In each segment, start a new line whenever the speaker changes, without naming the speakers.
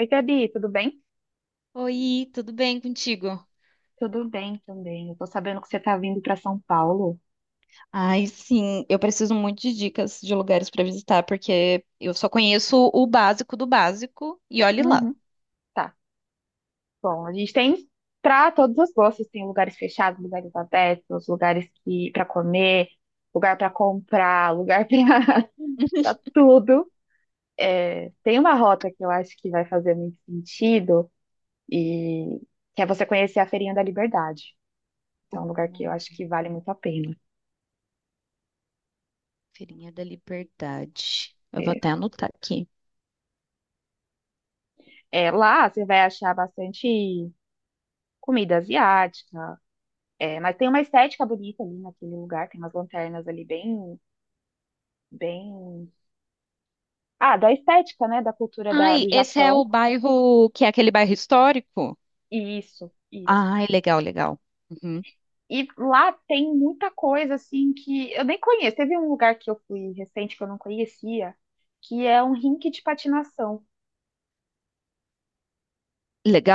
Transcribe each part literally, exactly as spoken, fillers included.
Oi, Gabi, tudo bem?
Oi, tudo bem contigo?
Tudo bem também. Eu tô sabendo que você tá vindo pra São Paulo.
Ai, sim, eu preciso muito de dicas de lugares para visitar, porque eu só conheço o básico do básico e olhe lá.
Uhum. Tá. Bom, a gente tem para todos os gostos, tem lugares fechados, lugares abertos, lugares que para comer, lugar para comprar, lugar para tudo. Tem uma rota que eu acho que vai fazer muito sentido e que é você conhecer a Feirinha da Liberdade. Então, é um
Hum,
lugar que eu acho que vale muito a pena.
Feirinha da Liberdade. Eu vou
É,
até anotar aqui.
é, lá você vai achar bastante comida asiática. É, mas tem uma estética bonita ali naquele lugar, tem umas lanternas ali bem, bem. Ah, da estética, né? Da cultura da-
Ai,
do
esse é o
Japão.
bairro que é aquele bairro histórico?
Isso, isso.
Ai, legal, legal. Uhum.
E lá tem muita coisa assim que eu nem conheço. Teve um lugar que eu fui recente que eu não conhecia, que é um rink de patinação.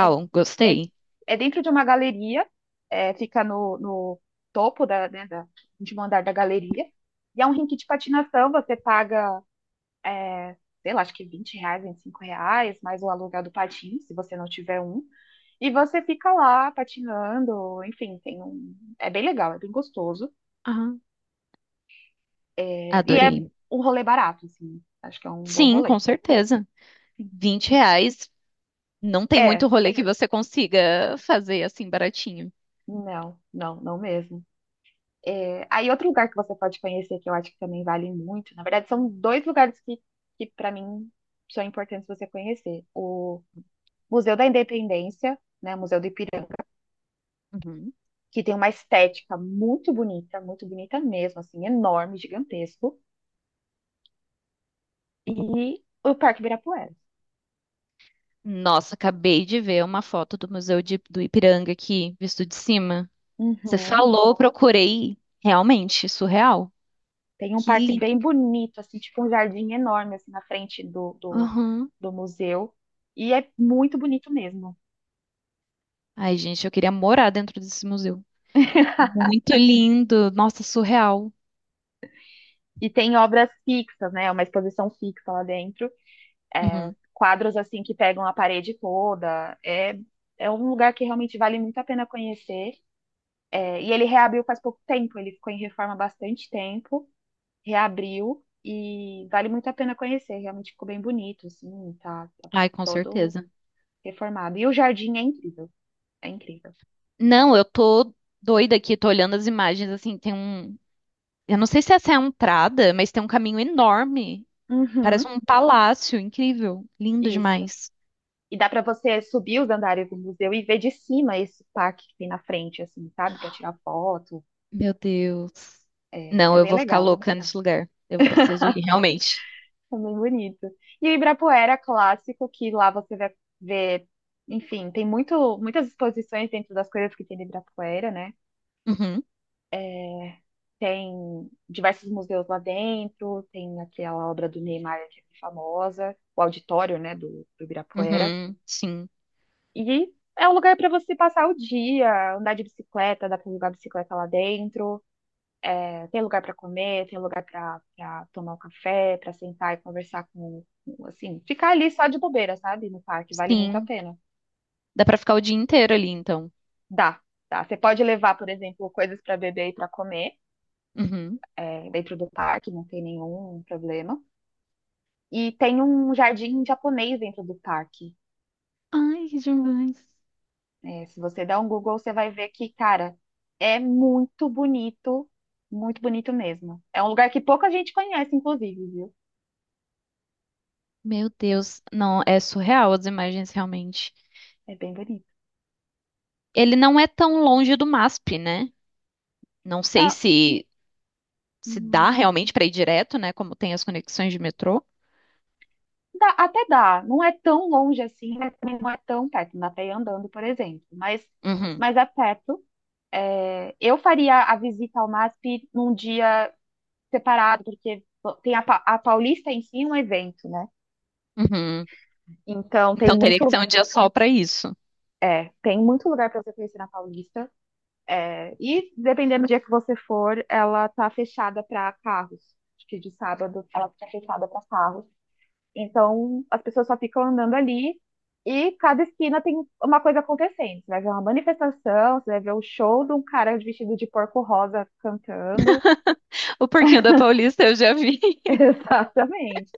É, é,
gostei.
é dentro de uma galeria, é, fica no, no topo da, né, da, de um andar da galeria. E é um rink de patinação, você paga sei lá, acho que vinte reais, vinte e cinco reais, mais o aluguel do patins, se você não tiver um. E você fica lá patinando, enfim, tem um. É bem legal, é bem gostoso.
Ah,
É, e é
adorei.
um rolê barato, assim. Acho que é um bom
Sim,
rolê.
com certeza.
Sim.
Vinte reais, não tem
É,
muito rolê que você consiga fazer assim baratinho.
não, não, não mesmo. É, aí outro lugar que você pode conhecer, que eu acho que também vale muito, na verdade, são dois lugares que, que para mim são importantes você conhecer. O Museu da Independência, né? Museu do Ipiranga,
Uhum.
que tem uma estética muito bonita, muito bonita mesmo, assim, enorme, gigantesco. E o Parque Ibirapuera.
Nossa, acabei de ver uma foto do Museu de- do Ipiranga aqui, visto de cima. Você
Uhum.
falou, procurei. Realmente, surreal.
Tem um
Que
parque
lindo.
bem bonito, assim, tipo um jardim enorme, assim, na frente do, do,
Aham.
do museu. E é muito bonito mesmo.
Ai, gente, eu queria morar dentro desse museu. Muito lindo. Nossa, surreal.
E tem obras fixas, né? Uma exposição fixa lá dentro. É,
Uhum.
quadros, assim, que pegam a parede toda. É, é um lugar que realmente vale muito a pena conhecer. É, e ele reabriu faz pouco tempo. Ele ficou em reforma há bastante tempo. Reabriu e vale muito a pena conhecer. Realmente ficou bem bonito, assim, tá, tá
Ai, com
todo
certeza.
reformado. E o jardim é incrível, é incrível.
Não, eu tô doida aqui, tô olhando as imagens, assim, tem um... Eu não sei se essa é a entrada, mas tem um caminho enorme. Parece
Uhum,
um palácio, incrível. Lindo
isso.
demais.
E dá para você subir os andares do museu e ver de cima esse parque que tem na frente, assim, sabe? Quer tirar foto.
Meu Deus.
É, é
Não, eu
bem
vou ficar
legal,
louca nesse lugar. Eu preciso ir, realmente.
é bem bonito. E o Ibirapuera é clássico, que lá você vai ver, enfim, tem muito, muitas exposições dentro das coisas que tem no Ibirapuera, né?
Uhum,
Tem diversos museus lá dentro, tem aquela obra do Neymar que é famosa, o auditório, né, do, do Ibirapuera.
uhum, sim,
E é um lugar para você passar o dia, andar de bicicleta, dá para alugar bicicleta lá dentro. É, tem lugar para comer, tem lugar para tomar um café, para sentar e conversar com, com, assim, ficar ali só de bobeira, sabe? No parque, vale muito a
sim.
pena.
Dá pra ficar o dia inteiro ali, então.
Dá, dá. Você pode levar, por exemplo, coisas para beber e para comer,
Uhum.
é, dentro do parque, não tem nenhum problema. E tem um jardim japonês dentro do parque.
Ai, que demais.
É, se você der um Google, você vai ver que, cara, é muito bonito, muito bonito mesmo. É um lugar que pouca gente conhece, inclusive, viu?
Meu Deus, não, é surreal as imagens, realmente.
É bem bonito.
Ele não é tão longe do MASP, né? Não sei
É,
se se
hum,
dá realmente pra ir direto, né? Como tem as conexões de metrô.
dá- até dá, não é tão longe assim, mas também não é tão perto, não dá pra ir andando, por exemplo. Mas,
Uhum,
mas é perto. É, eu faria a visita ao MASP num dia separado, porque tem a, Pa- a Paulista em si é um evento, né?
uhum.
Então tem
Então teria que
muito.
ser um dia só pra isso.
É, tem muito lugar para você conhecer na Paulista. É, e dependendo do dia que você for, ela tá fechada para carros. Acho que de sábado ela fica fechada para carros. Então as pessoas só ficam andando ali e cada esquina tem uma coisa acontecendo. Você vai ver uma manifestação, você vai ver o show de um cara vestido de porco rosa cantando.
O porquinho da Paulista eu já vi.
Exatamente.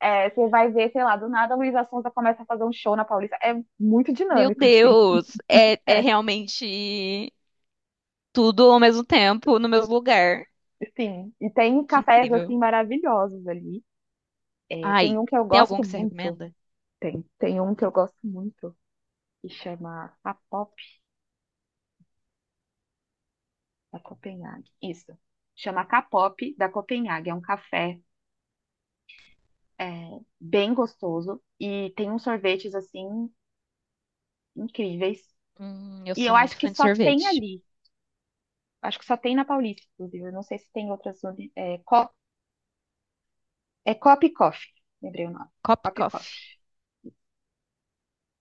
É, você vai ver, sei lá, do nada a Luísa Sonza começa a fazer um show na Paulista. É muito
Meu
dinâmico, assim.
Deus, é, é
É.
realmente tudo ao mesmo tempo no mesmo lugar.
Sim, e tem
Que
cafés
incrível.
assim maravilhosos ali. É, tem
Ai,
um que eu
tem algum
gosto
que você
muito.
recomenda?
Tem, tem um que eu gosto muito que chama Kapop da Copenhague. Isso. Chama Kapop da Copenhague. É um café, é, bem gostoso e tem uns sorvetes assim incríveis.
Hum, eu
E eu
sou muito
acho que
fã de
só tem
sorvete.
ali. Acho que só tem na Paulista, inclusive. Eu não sei se tem outras. uni- É, Co- é Cop Coffee. Lembrei o nome.
Cop
Cop
Coffee.
Coffee.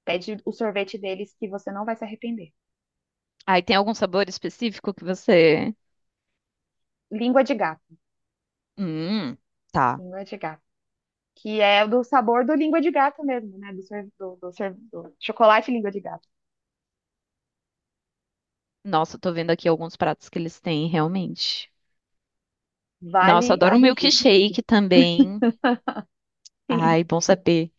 Pede o sorvete deles que você não vai se arrepender.
Ai, tem algum sabor específico que você.
Língua de gato.
Hum, tá.
Língua de gato. Que é do sabor do língua de gato mesmo, né? Do, sor- do, do sor- do chocolate língua de gato.
Nossa, eu tô vendo aqui alguns pratos que eles têm, realmente. Nossa, eu
Vale a
adoro um
visita.
milkshake também.
Sim,
Ai, bom saber.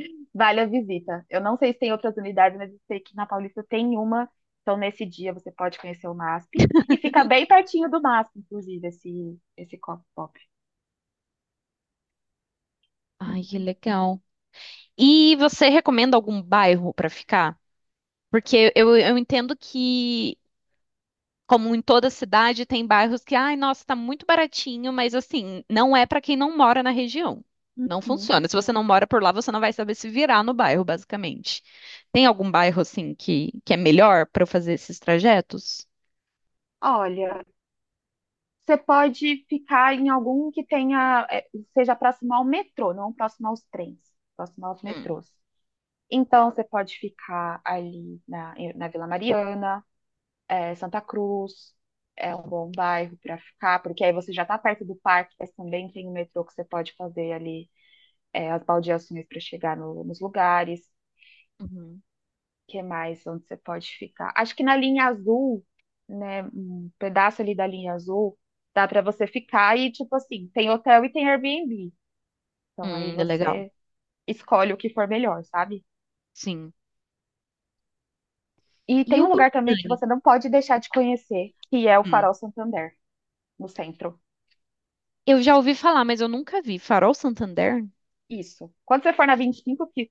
vale a visita. Eu não sei se tem outras unidades, mas eu sei que na Paulista tem uma. Então, nesse dia, você pode conhecer o MASP. E fica bem pertinho do MASP, inclusive, esse, esse copo pop.
Ai, que legal. E você recomenda algum bairro pra ficar? Porque eu, eu entendo que como em toda cidade, tem bairros que, ai, nossa, tá muito baratinho, mas assim, não é para quem não mora na região. Não
Uhum.
funciona. Se você não mora por lá, você não vai saber se virar no bairro, basicamente. Tem algum bairro assim que, que é melhor para eu fazer esses trajetos?
Olha, você pode ficar em algum que tenha, é, seja próximo ao metrô, não próximo aos trens, próximo aos
Hum,
metrôs. Então, você pode ficar ali na, na Vila Mariana, eh, Santa Cruz, é um bom bairro para ficar, porque aí você já está perto do parque, mas também tem o metrô que você pode fazer ali, eh, as baldeações para chegar no- nos lugares.
uhum.
Que mais onde você pode ficar? Acho que na linha azul, né, um pedaço ali da linha azul, dá para você ficar e, tipo assim, tem hotel e tem Airbnb. Então, aí
Hum, é legal.
você escolhe o que for melhor, sabe?
Sim.
E
E
tem
o
um lugar também que
Botânico?
você não pode deixar de conhecer, que é o
Hum.
Farol Santander, no centro.
Eu já ouvi falar, mas eu nunca vi. Farol Santander?
Isso. Quando você for na vinte e cinco, que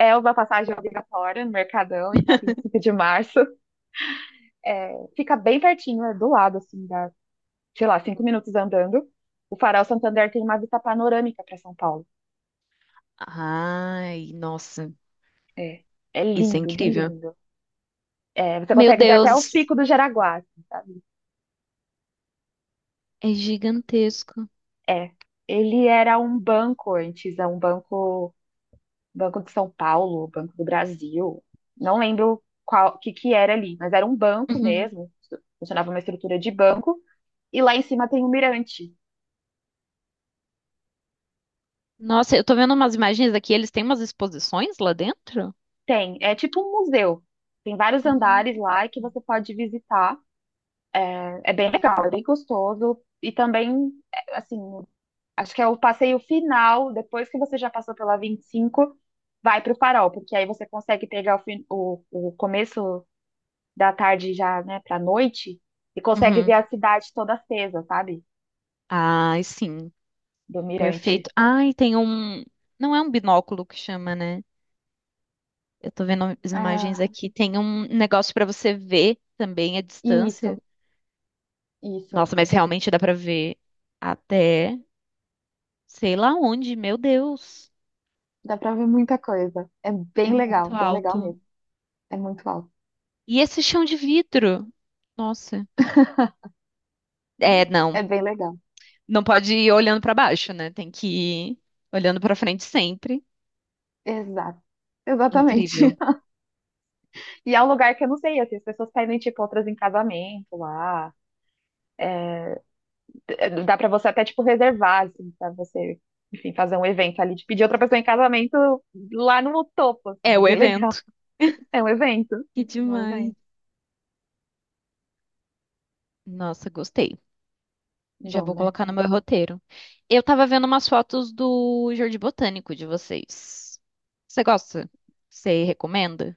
é uma passagem obrigatória no Mercadão e na vinte e cinco de março, é, fica bem pertinho, é do lado, assim, dá, sei lá, cinco minutos andando. O Farol Santander tem uma vista panorâmica para São Paulo.
Ai, nossa,
É, é
isso é
lindo, lindo,
incrível.
lindo. É, você
Meu
consegue ver até o
Deus,
Pico do Jaraguá, assim, sabe?
é gigantesco.
É. Ele era um banco antes, é um banco, Banco de São Paulo, Banco do Brasil, não lembro qual que que era ali, mas era um banco
Uhum.
mesmo, funcionava uma estrutura de banco e lá em cima tem um mirante.
Nossa, eu tô vendo umas imagens aqui, eles têm umas exposições lá dentro?
Tem, é tipo um museu. Tem vários andares
Ah.
lá que você pode visitar. É bem legal, é bem gostoso e também é, assim, acho que é o passeio final, depois que você já passou pela vinte e cinco, vai para o farol, porque aí você consegue pegar o, fin- o, o começo da tarde já, né, pra noite, e consegue ver
Uhum.
a cidade toda acesa, sabe?
Ai, sim.
Do mirante.
Perfeito. Ai, tem um. Não é um binóculo que chama, né? Eu tô vendo as imagens
Ah,
aqui. Tem um negócio pra você ver também a distância.
isso, isso.
Nossa, mas realmente dá pra ver até sei lá onde. Meu Deus,
Dá pra ver muita coisa. É
é
bem legal,
muito
bem legal
alto.
mesmo. É muito alto.
E esse chão de vidro? Nossa. É,
É
não.
bem legal.
Não pode ir olhando pra baixo, né? Tem que ir olhando pra frente sempre.
Exato. Exatamente.
Incrível.
E é um lugar que eu não sei, assim, as pessoas pedem, tipo, outras em casamento lá. D- Dá pra você até, tipo, reservar, assim, pra você, enfim, fazer um evento ali, de pedir outra pessoa em casamento lá no topo,
É
assim, é
o
bem legal.
evento.
É um evento.
Que
É um
demais.
evento
Nossa, gostei. Já
bom,
vou
né?
colocar no meu roteiro. Eu tava vendo umas fotos do Jardim Botânico de vocês. Você gosta? Você recomenda?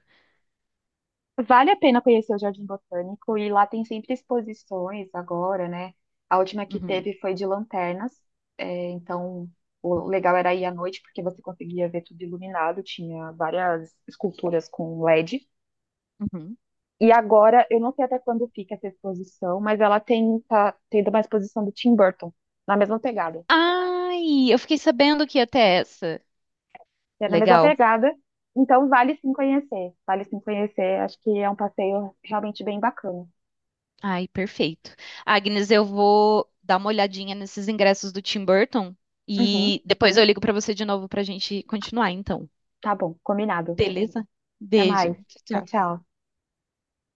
Vale a pena conhecer o Jardim Botânico e lá tem sempre exposições agora, né? A última que
Uhum.
teve foi de lanternas, é, então o legal era ir à noite porque você conseguia ver tudo iluminado, tinha várias esculturas com L E D.
Uhum.
E agora, eu não sei até quando fica essa exposição, mas ela tem, tá tendo uma exposição do Tim Burton, na mesma pegada.
Ai, eu fiquei sabendo que ia ter essa.
É na mesma
Legal.
pegada, então vale sim conhecer, vale sim conhecer, acho que é um passeio realmente bem bacana.
Ai, perfeito. Agnes, eu vou dar uma olhadinha nesses ingressos do Tim Burton
Uhum,
e depois eu ligo pra você de novo pra gente continuar, então.
tá bom, combinado.
Beleza?
Até
Beijo.
mais.
Tchau,
Tchau,
tchau.
tchau.